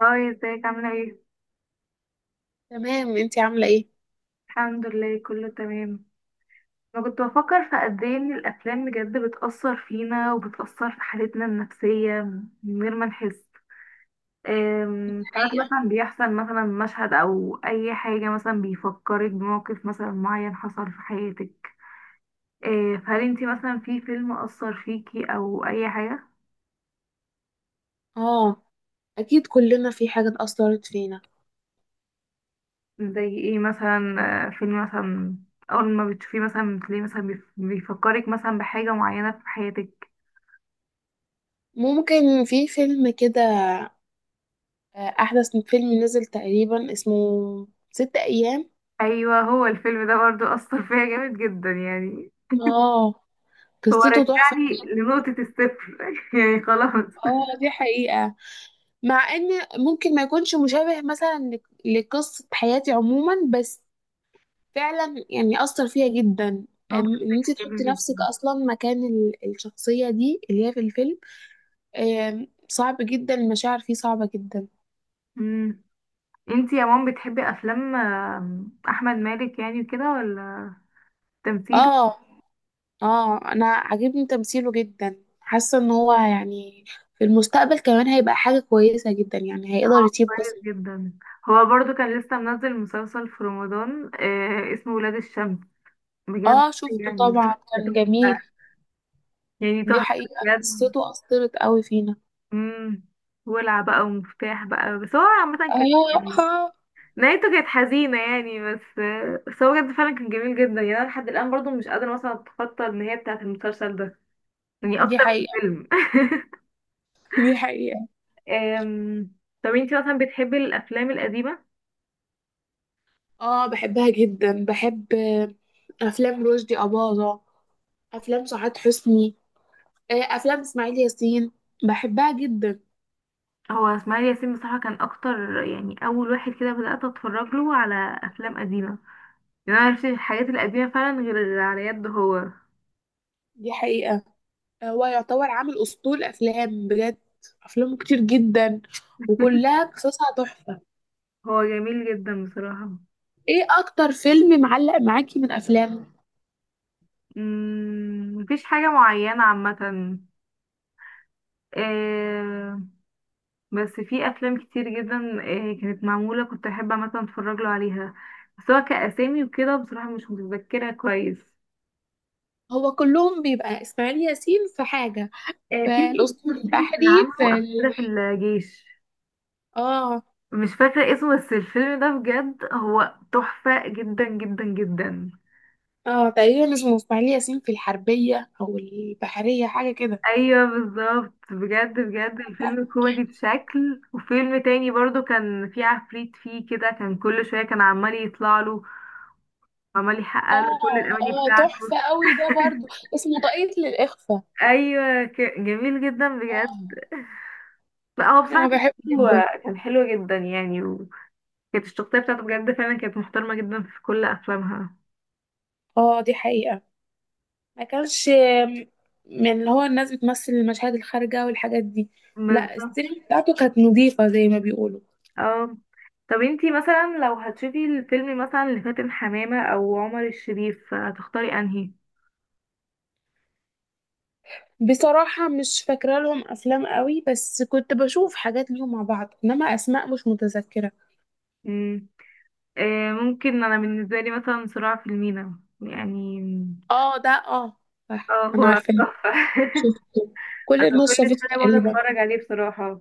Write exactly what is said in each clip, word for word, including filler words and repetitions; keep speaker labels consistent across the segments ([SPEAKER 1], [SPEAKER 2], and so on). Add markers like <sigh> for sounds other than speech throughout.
[SPEAKER 1] هاي ازيك عاملة ايه؟
[SPEAKER 2] تمام، انتي عاملة ايه؟
[SPEAKER 1] الحمد لله كله تمام. انا كنت بفكر في قد ايه ان الافلام بجد بتأثر فينا وبتأثر في حالتنا النفسية من غير ما نحس. أم، ساعات مثلا بيحصل مثلا مشهد او اي حاجة مثلا بيفكرك بموقف مثلا معين حصل في حياتك. أه، فهل انتي مثلا في فيلم أثر فيكي او اي حاجة؟
[SPEAKER 2] اه، اكيد كلنا في حاجة اتأثرت فينا.
[SPEAKER 1] زي ايه مثلا؟ أه، فيلم مثلا، اول ما بتشوفيه مثلا بتلاقيه مثلا بيف- بيفكرك مثلا بحاجة معينة في حياتك.
[SPEAKER 2] ممكن في فيلم كده. آه، احدث فيلم نزل تقريبا اسمه ست ايام.
[SPEAKER 1] ايوه، هو الفيلم ده برضو اثر فيا جامد جدا يعني.
[SPEAKER 2] اه،
[SPEAKER 1] هو
[SPEAKER 2] قصته تحفة.
[SPEAKER 1] رجعني لنقطة الصفر <laughs> يعني خلاص.
[SPEAKER 2] اه دي حقيقة. مع ان ممكن ما يكونش مشابه مثلا ل- لقصة حياتي عموما، بس فعلا يعني اثر فيها جدا.
[SPEAKER 1] هو
[SPEAKER 2] أم،
[SPEAKER 1] بجد
[SPEAKER 2] ان انت
[SPEAKER 1] كان
[SPEAKER 2] تحطي
[SPEAKER 1] جميل
[SPEAKER 2] نفسك
[SPEAKER 1] جدا.
[SPEAKER 2] اصلا مكان ال- الشخصية دي اللي هي في الفيلم. آم، صعب جدا، المشاعر فيه صعبة جدا.
[SPEAKER 1] امم. انتي يا مام بتحبي افلام آم، احمد مالك يعني وكده ولا؟ تمثيله
[SPEAKER 2] اه، اه انا عاجبني تمثيله جدا، حاسه ان هو يعني في المستقبل كمان هيبقى حاجه كويسه جدا، يعني هيقدر يسيب
[SPEAKER 1] كويس
[SPEAKER 2] بصمه.
[SPEAKER 1] جدا. هو برضو كان لسه منزل مسلسل في رمضان آه اسمه ولاد الشمس. بجد
[SPEAKER 2] اه شفته
[SPEAKER 1] يعني
[SPEAKER 2] طبعا، كان
[SPEAKER 1] ده
[SPEAKER 2] جميل.
[SPEAKER 1] تحفة، يعني
[SPEAKER 2] دي
[SPEAKER 1] تحفة
[SPEAKER 2] حقيقه،
[SPEAKER 1] بجد.
[SPEAKER 2] قصته اثرت قوي فينا.
[SPEAKER 1] امم. ولع بقى ومفتاح بقى بس هو عامة
[SPEAKER 2] اه
[SPEAKER 1] كده.
[SPEAKER 2] <laughs> آه،
[SPEAKER 1] نهايته كانت حزينة يعني، بس بس هو بجد فعلا كان جميل جدا يعني. أنا لحد الآن برضو مش قادرة مثلا أتخطى النهاية بتاعة المسلسل ده، يعني
[SPEAKER 2] دي
[SPEAKER 1] أكتر من
[SPEAKER 2] حقيقه،
[SPEAKER 1] فيلم.
[SPEAKER 2] دي حقيقه.
[SPEAKER 1] <laughs> أم، طب انتي مثلا بتحبي الأفلام القديمة؟
[SPEAKER 2] اه بحبها جدا، بحب افلام رشدي اباظه، افلام سعاد حسني، آه، افلام اسماعيل ياسين، بحبها جدا.
[SPEAKER 1] هو إسماعيل ياسين بصراحة كان أكتر يعني، أول واحد كده بدأت أتفرج له على أفلام قديمة. يعني أنا معرفش الحاجات القديمة فعلا غير على يده هو.
[SPEAKER 2] دي حقيقه. آه، هو يعتبر عامل أسطول أفلام بجد، أفلامه كتير جدا
[SPEAKER 1] <laughs>
[SPEAKER 2] وكلها قصصها تحفة.
[SPEAKER 1] هو جميل جدا بصراحة.
[SPEAKER 2] إيه أكتر فيلم معلق معاكي من أفلامه؟
[SPEAKER 1] مم، مفيش حاجة معينة، عامة. بس في افلام كتير جدا آه، كانت معموله كنت احب مثلا اتفرج له عليها. بس هو كاسامي وكده بصراحه مش متذكره كويس.
[SPEAKER 2] هو كلهم بيبقى إسماعيل ياسين في حاجة،
[SPEAKER 1] آه، في.
[SPEAKER 2] في الأسطول
[SPEAKER 1] بصي كان
[SPEAKER 2] البحري، في
[SPEAKER 1] عامله قبل
[SPEAKER 2] ال...
[SPEAKER 1] كده في الجيش.
[SPEAKER 2] آه،
[SPEAKER 1] مش فاكره اسمه، بس الفيلم ده بجد هو تحفه جدا جدا جدا.
[SPEAKER 2] آه تقريبا اسمه إسماعيل ياسين في الحربية أو البحرية، حاجة كده.
[SPEAKER 1] ايوه بالظبط، بجد بجد الفيلم كوميدي بشكل. وفيلم تاني برضو كان فيه عفريت فيه كده، كان كل شويه كان عمال يطلع له، عمال يحقق له كل
[SPEAKER 2] آه،
[SPEAKER 1] الاماني
[SPEAKER 2] آه
[SPEAKER 1] بتاعته.
[SPEAKER 2] تحفة قوي ده برضو، اسمه طاقية للإخفاء.
[SPEAKER 1] ايوه ك- جميل جدا
[SPEAKER 2] آه،
[SPEAKER 1] بجد. لا هو بصراحه
[SPEAKER 2] أنا
[SPEAKER 1] كان
[SPEAKER 2] بحبه
[SPEAKER 1] حلو،
[SPEAKER 2] جدا.
[SPEAKER 1] كان حلو جدا يعني. وكانت الشخصيه بتاعته بجد فعلا كانت محترمه جدا في كل افلامها.
[SPEAKER 2] آه دي حقيقة. ما كانش من اللي هو الناس بتمثل المشاهد الخارجة والحاجات دي. لا،
[SPEAKER 1] بالظبط.
[SPEAKER 2] السينما بتاعته كانت نظيفة زي ما بيقولوا.
[SPEAKER 1] اه طب انتي مثلا لو هتشوفي الفيلم مثلا لفاتن حمامه او عمر الشريف هتختاري انهي؟
[SPEAKER 2] بصراحة مش فاكرة لهم أفلام قوي، بس كنت بشوف حاجات ليهم مع بعض، إنما أسماء مش متذكرة.
[SPEAKER 1] مم. آه ممكن انا بالنسبه لي مثلا صراع في المينا يعني.
[SPEAKER 2] اه ده اه، صح
[SPEAKER 1] اه
[SPEAKER 2] أنا
[SPEAKER 1] هو
[SPEAKER 2] عارفة.
[SPEAKER 1] تحفه. <laughs>
[SPEAKER 2] شفته، كل
[SPEAKER 1] انا
[SPEAKER 2] الناس
[SPEAKER 1] كل
[SPEAKER 2] شافته
[SPEAKER 1] سنه بقعد
[SPEAKER 2] تقريبا.
[SPEAKER 1] اتفرج عليه بصراحه.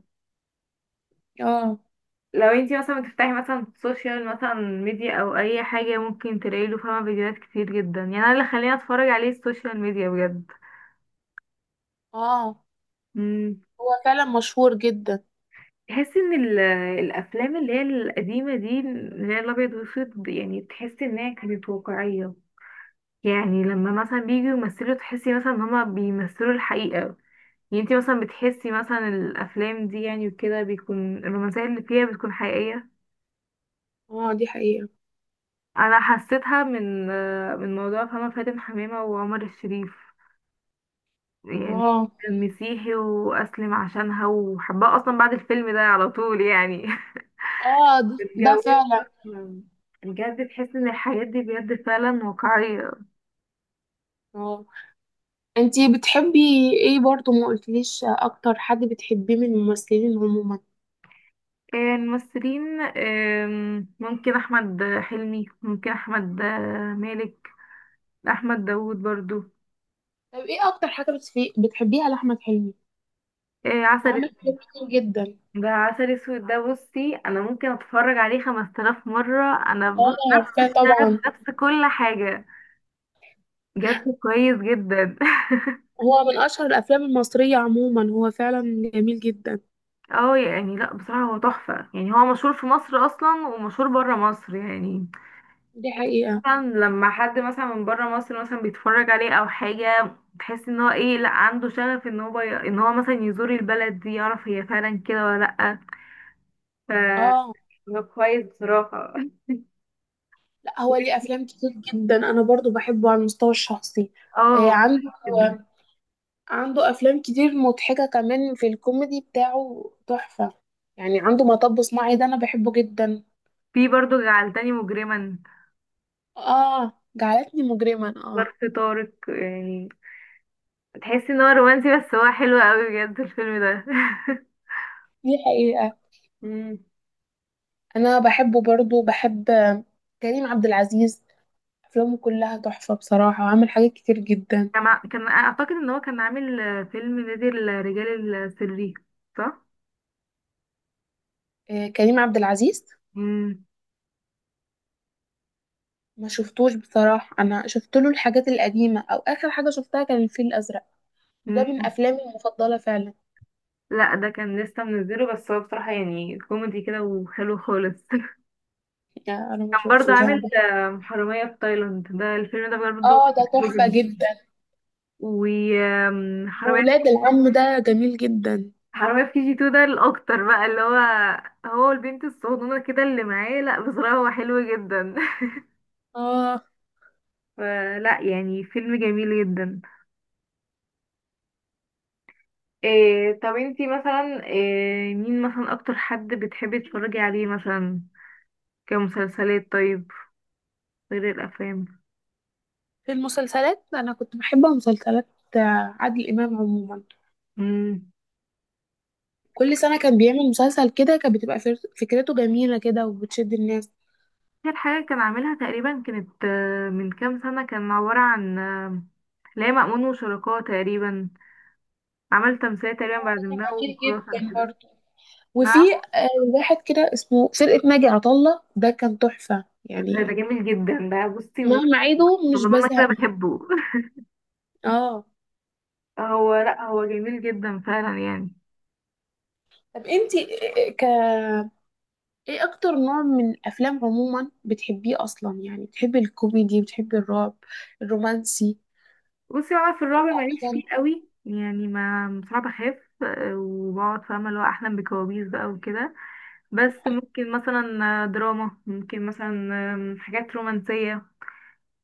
[SPEAKER 2] اه.
[SPEAKER 1] لو انتي مثلا بتفتحي مثلا سوشيال مثلا ميديا او اي حاجه ممكن تلاقي له فاهمه فيديوهات كتير جدا. يعني انا اللي خليني اتفرج عليه السوشيال ميديا بجد.
[SPEAKER 2] اه،
[SPEAKER 1] امم.
[SPEAKER 2] هو فعلا مشهور جدا.
[SPEAKER 1] تحسي ان ال- الافلام اللي هي القديمه دي، اللي هي الابيض والاسود، يعني تحسي ان هي كانت واقعيه. يعني لما مثلا بييجوا يمثلوا تحسي مثلا ان هما بيمثلوا الحقيقه. يعني انتي مثلا بتحسي مثلا الافلام دي يعني وكده بيكون الرومانسيه اللي فيها بتكون حقيقيه.
[SPEAKER 2] اه دي حقيقة.
[SPEAKER 1] انا حسيتها من آه، من موضوع فما فاتن حمامه وعمر الشريف يعني،
[SPEAKER 2] اه.
[SPEAKER 1] المسيحي واسلم عشانها وحبها اصلا بعد الفيلم ده على طول يعني. <laughs>
[SPEAKER 2] اه ده ده
[SPEAKER 1] اتجوزها
[SPEAKER 2] فعلا.
[SPEAKER 1] أصلاً. بجد تحس ان الحاجات دي بجد فعلا واقعية.
[SPEAKER 2] اه، انتي بتحبي ايه؟ برضو ما قلتليش اكتر حد بتحبيه من الممثلين عموما.
[SPEAKER 1] الممثلين، آم، ممكن احمد حلمي، ممكن احمد مالك، احمد داوود برضو.
[SPEAKER 2] طب ايه اكتر حاجة بتفي- بتحبيها لأحمد حلمي؟
[SPEAKER 1] آه، عسل
[SPEAKER 2] وعمل
[SPEAKER 1] أسود.
[SPEAKER 2] حاجات كتير جدا.
[SPEAKER 1] ده عسل اسود ده، بصي انا ممكن اتفرج عليه خمس تلاف مرة. انا
[SPEAKER 2] اه
[SPEAKER 1] بص، نفس
[SPEAKER 2] عارفاه طبعا،
[SPEAKER 1] الشغف، نفس كل حاجة. بجد كويس جدا. <laughs>
[SPEAKER 2] هو من اشهر الافلام المصرية عموما، هو فعلا جميل جدا.
[SPEAKER 1] اه يعني، لا بصراحة هو تحفة يعني. هو مشهور في مصر اصلا ومشهور برا مصر يعني.
[SPEAKER 2] دي حقيقة.
[SPEAKER 1] مثلا لما حد مثلا من برا مصر مثلا بيتفرج عليه او حاجة، تحس ان هو ايه، لا عنده شغف ان هو ي... ان هو مثلا يزور البلد دي، يعرف هي فعلا كده ولا لا. ف،
[SPEAKER 2] اه،
[SPEAKER 1] هو كويس بصراحة.
[SPEAKER 2] لا هو ليه افلام كتير جدا، انا برضو بحبه على المستوى الشخصي.
[SPEAKER 1] <laughs> اه
[SPEAKER 2] آه،
[SPEAKER 1] هو
[SPEAKER 2] عنده
[SPEAKER 1] كويس جدا.
[SPEAKER 2] عنده افلام كتير مضحكة كمان، في الكوميدي بتاعه تحفة يعني. عنده مطب صناعي، ده انا بحبه جدا.
[SPEAKER 1] في برضه جعلتني مجرما.
[SPEAKER 2] اه جعلتني مجرما، اه
[SPEAKER 1] ظرف طارق يعني، تحس ان هو رومانسي بس هو حلو قوي بجد الفيلم ده. <laughs>
[SPEAKER 2] دي حقيقة.
[SPEAKER 1] مم.
[SPEAKER 2] انا بحبه برضو، بحب كريم عبد العزيز، افلامه كلها تحفة بصراحة، وعمل حاجات كتير جدا.
[SPEAKER 1] كان ع- كان اعتقد ان هو كان عامل آه، فيلم نادي الرجال السري، صح.
[SPEAKER 2] آه كريم عبد العزيز.
[SPEAKER 1] مم.
[SPEAKER 2] ما شفتوش بصراحة، انا شفت له الحاجات القديمة، او اخر حاجة شفتها كان الفيل الازرق، وده من
[SPEAKER 1] مم.
[SPEAKER 2] افلامي المفضلة فعلا.
[SPEAKER 1] لا ده كان لسه منزله، بس هو بصراحة يعني كوميدي كده وحلو خالص. <laughs>
[SPEAKER 2] يعني انا ما
[SPEAKER 1] كان برضو
[SPEAKER 2] شفتوش انا
[SPEAKER 1] عامل
[SPEAKER 2] ده.
[SPEAKER 1] آه، حرامية في تايلاند، ده الفيلم ده برضو
[SPEAKER 2] اه ده
[SPEAKER 1] كان حلو
[SPEAKER 2] تحفة
[SPEAKER 1] جدا.
[SPEAKER 2] جدا،
[SPEAKER 1] وحرامية حرامية
[SPEAKER 2] وولاد العم ده جميل جدا.
[SPEAKER 1] حرامية في كي جي تو، ده الأكتر بقى اللي هو، هو البنت الصغنونة كده اللي معاه. لا بصراحة هو حلو جدا. <laughs>
[SPEAKER 2] اه،
[SPEAKER 1] فلا يعني فيلم جميل جدا. إيه، طب انتي مثلا إيه، مين مثلا اكتر حد بتحبي تتفرجي عليه مثلا كمسلسلات طيب، غير الافلام؟
[SPEAKER 2] في المسلسلات انا كنت بحب مسلسلات آه، عادل امام عموما.
[SPEAKER 1] امم.
[SPEAKER 2] كل سنة كان بيعمل مسلسل كده، كانت بتبقى فر- فكرته جميلة كده وبتشد الناس.
[SPEAKER 1] اخر حاجه كان عاملها تقريبا كانت آه، من كام سنه، كان عباره عن آه، لا، مأمون وشركاه تقريبا. عمل تمثيلية تقريبا بعد
[SPEAKER 2] مسلسل
[SPEAKER 1] ما
[SPEAKER 2] خطير
[SPEAKER 1] وخلاص.
[SPEAKER 2] جدا برضه.
[SPEAKER 1] نعم.
[SPEAKER 2] وفي آه، واحد كده اسمه فرقة ناجي عطا الله، ده كان تحفة
[SPEAKER 1] ده ده
[SPEAKER 2] يعني،
[SPEAKER 1] جميل جدا ده، بصي من
[SPEAKER 2] مهما
[SPEAKER 1] وجهة-
[SPEAKER 2] أعيده مش
[SPEAKER 1] والله انا كده
[SPEAKER 2] بزهق منه.
[SPEAKER 1] بحبه. <laughs>
[SPEAKER 2] اه.
[SPEAKER 1] هو لا هو جميل جدا فعلا يعني.
[SPEAKER 2] طب انتي إيه- ك ايه اكتر نوع من الافلام عموما بتحبيه اصلا؟ يعني بتحبي الكوميدي، بتحبي الرعب، الرومانسي؟
[SPEAKER 1] بصي بقى في الرعب ماليش
[SPEAKER 2] عشان
[SPEAKER 1] فيه قوي يعني، ما صعب اخاف، آه، وبقعد فاهمه اللي هو احلم بكوابيس بقى وكده. بس ممكن مثلا آه، دراما ممكن مثلا، آم، حاجات رومانسيه.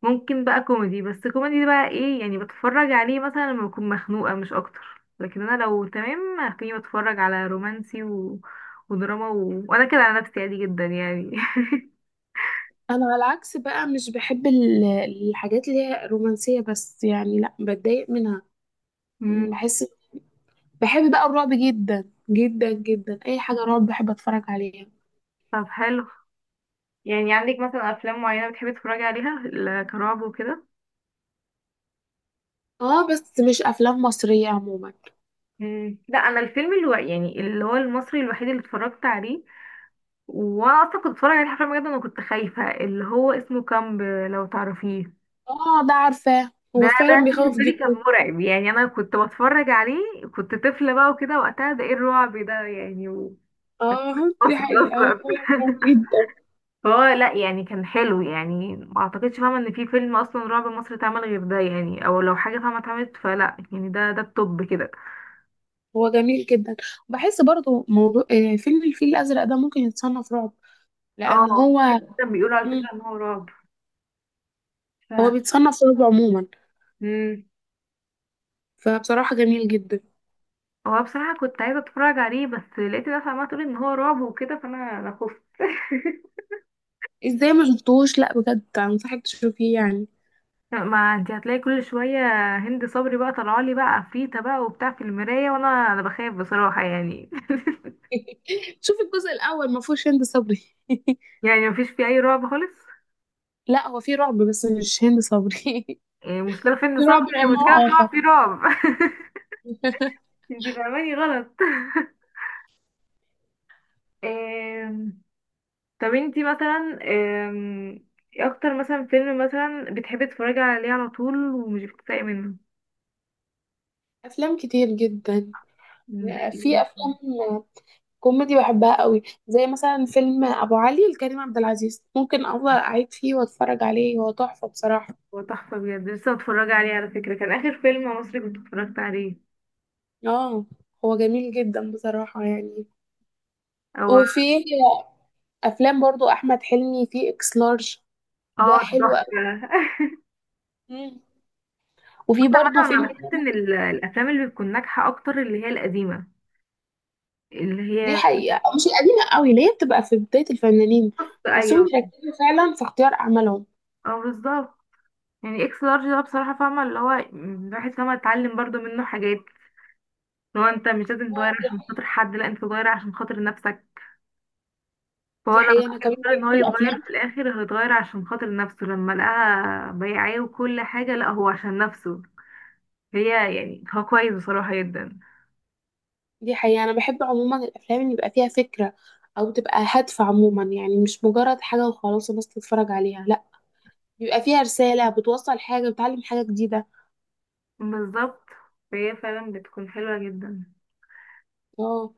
[SPEAKER 1] ممكن بقى كوميدي، بس كوميدي بقى ايه يعني، بتفرج عليه مثلا لما بكون مخنوقه مش اكتر. لكن انا لو تمام هتلاقيني بتفرج على رومانسي و... ودراما و... وانا كده على نفسي عادي جدا يعني. <laughs>
[SPEAKER 2] انا على العكس بقى، مش بحب ال- الحاجات اللي هي رومانسية بس، يعني لا بتضايق منها.
[SPEAKER 1] مم.
[SPEAKER 2] بحس، بحب بقى الرعب جدا جدا جدا، اي حاجه رعب بحب اتفرج عليها.
[SPEAKER 1] طب حلو، يعني عندك مثلا افلام معينه بتحبي تتفرجي عليها ل- كرعب وكده؟
[SPEAKER 2] اه بس مش افلام مصريه عموما.
[SPEAKER 1] مم. لا انا الفيلم اللي هو يعني اللي هو المصري الوحيد اللي اتفرجت عليه، واصلا كنت اتفرج عليه حرفيا، بجد انا كنت خايفه، اللي هو اسمه كامب، لو تعرفيه.
[SPEAKER 2] اه ده عارفاه،
[SPEAKER 1] ده
[SPEAKER 2] هو
[SPEAKER 1] ده
[SPEAKER 2] فعلا بيخوف
[SPEAKER 1] بالنسبه لي كان
[SPEAKER 2] جدا.
[SPEAKER 1] مرعب يعني. انا كنت بتفرج عليه كنت طفله بقى وكده وقتها، ده ايه الرعب ده يعني،
[SPEAKER 2] اه
[SPEAKER 1] مصري
[SPEAKER 2] <laughs> دي حقيقه، هو
[SPEAKER 1] اصلا!
[SPEAKER 2] فعلا بيخوف
[SPEAKER 1] <laughs>
[SPEAKER 2] جدا.
[SPEAKER 1] فهو لا يعني كان حلو يعني. ما اعتقدش فاهمه ان في فيلم اصلا رعب مصري اتعمل غير ده يعني، او لو حاجه فاهمه اتعملت فلا يعني ده ده التوب كده.
[SPEAKER 2] هو جميل جدا. بحس برضو موضوع آه، فيلم الفيل الازرق ده ممكن يتصنف رعب، لان
[SPEAKER 1] اه
[SPEAKER 2] هو
[SPEAKER 1] كان بيقولوا على
[SPEAKER 2] مم،
[SPEAKER 1] فكره ان هو رعب. ف،
[SPEAKER 2] هو بيتصنف رعب عموما،
[SPEAKER 1] مم.
[SPEAKER 2] فبصراحه جميل جدا.
[SPEAKER 1] هو بصراحة كنت عايزة اتفرج عليه، بس لقيت ناس عمالة تقول ان هو رعب وكده، فانا انا خفت.
[SPEAKER 2] ازاي ما شفتوش؟ لا بجد انصحك تشوفيه يعني.
[SPEAKER 1] <laughs> ما انت هتلاقي كل شوية هند صبري بقى طلعالي بقى عفريتة بقى وبتاع في المراية، وانا انا بخاف بصراحة يعني.
[SPEAKER 2] <laughs> شوف الجزء الاول، ما فيهوش هند صبري <laughs>
[SPEAKER 1] <laughs> يعني مفيش فيه اي رعب خالص.
[SPEAKER 2] لا هو في رعب، بس مش هند صبري
[SPEAKER 1] إيه، المشكلة في
[SPEAKER 2] <laughs>
[SPEAKER 1] ان
[SPEAKER 2] في
[SPEAKER 1] صبري
[SPEAKER 2] رعب
[SPEAKER 1] يعني،
[SPEAKER 2] من
[SPEAKER 1] المشكلة ان
[SPEAKER 2] نوع آخر.
[SPEAKER 1] هو في رعب. <laughs> انت فاهماني غلط. <laughs> آم، طب انتي مثلا آم، ايه اكتر مثلا فيلم مثلا بتحبي تتفرجي عليه على طول ومش بتتضايقي منه؟
[SPEAKER 2] افلام كتير جدا.
[SPEAKER 1] مم، زي
[SPEAKER 2] في
[SPEAKER 1] ايه؟
[SPEAKER 2] افلام كوميدي بحبها قوي، زي مثلا فيلم ابو علي لكريم عبد العزيز، ممكن افضل اعيد فيه واتفرج عليه، هو تحفة بصراحة.
[SPEAKER 1] هو تحفة بجد، لسه متفرجة عليه على فكرة، كان آخر فيلم مصري كنت اتفرجت عليه.
[SPEAKER 2] اه، هو جميل جدا بصراحة يعني.
[SPEAKER 1] هو،
[SPEAKER 2] وفي افلام برضو احمد حلمي، في اكس لارج، ده
[SPEAKER 1] اه ده
[SPEAKER 2] حلو قوي.
[SPEAKER 1] تحفة.
[SPEAKER 2] مم.
[SPEAKER 1] <laughs>
[SPEAKER 2] وفي
[SPEAKER 1] بص
[SPEAKER 2] برضو
[SPEAKER 1] عامة أنا
[SPEAKER 2] فيلم
[SPEAKER 1] بحس إن
[SPEAKER 2] تاني.
[SPEAKER 1] ال- الأفلام اللي بتكون ناجحة أكتر اللي هي القديمة، اللي
[SPEAKER 2] دي
[SPEAKER 1] هي،
[SPEAKER 2] حقيقة، مش القديمة قوي، اللي هي بتبقى في بداية الفنانين،
[SPEAKER 1] بص
[SPEAKER 2] بحسهم
[SPEAKER 1] أيوه،
[SPEAKER 2] بيركزوا فعلا في اختيار أعمالهم.
[SPEAKER 1] اه بالظبط. يعني إكس لارج ده بصراحة فاهمة اللي هو الواحد فاهمة اتعلم برضو منه حاجات، اللي هو أنت مش لازم تغير عشان خاطر حد، لأ أنت تغير عشان خاطر نفسك. فهو
[SPEAKER 2] دي
[SPEAKER 1] لما
[SPEAKER 2] حقيقة، أنا كمان
[SPEAKER 1] يقرر إن هو
[SPEAKER 2] بحب الأفلام.
[SPEAKER 1] يتغير في الآخر هيتغير عشان خاطر نفسه، لما لقاها بياعاه وكل حاجة، لأ هو عشان نفسه. هي يعني هو كويس بصراحة جدا.
[SPEAKER 2] دي حقيقة، أنا بحب عموما الأفلام اللي يبقى فيها فكرة، أو تبقى هادفة عموما، يعني مش مجرد حاجة وخلاص الناس تتفرج عليها، لأ، بيبقى فيها رسالة، بتوصل حاجة، بتعلم حاجة جديدة.
[SPEAKER 1] بالظبط، فهي فعلا بتكون حلوة جدا.
[SPEAKER 2] اه.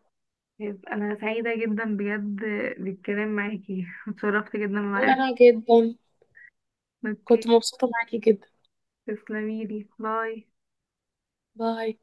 [SPEAKER 1] طيب، أنا سعيدة جدا بجد بالكلام معاكي، اتشرفت جدا بمعرفتك.
[SPEAKER 2] وأنا جدا، كنت
[SPEAKER 1] اوكي
[SPEAKER 2] مبسوطة معاكي جدا.
[SPEAKER 1] تسلميلي، باي.
[SPEAKER 2] باي.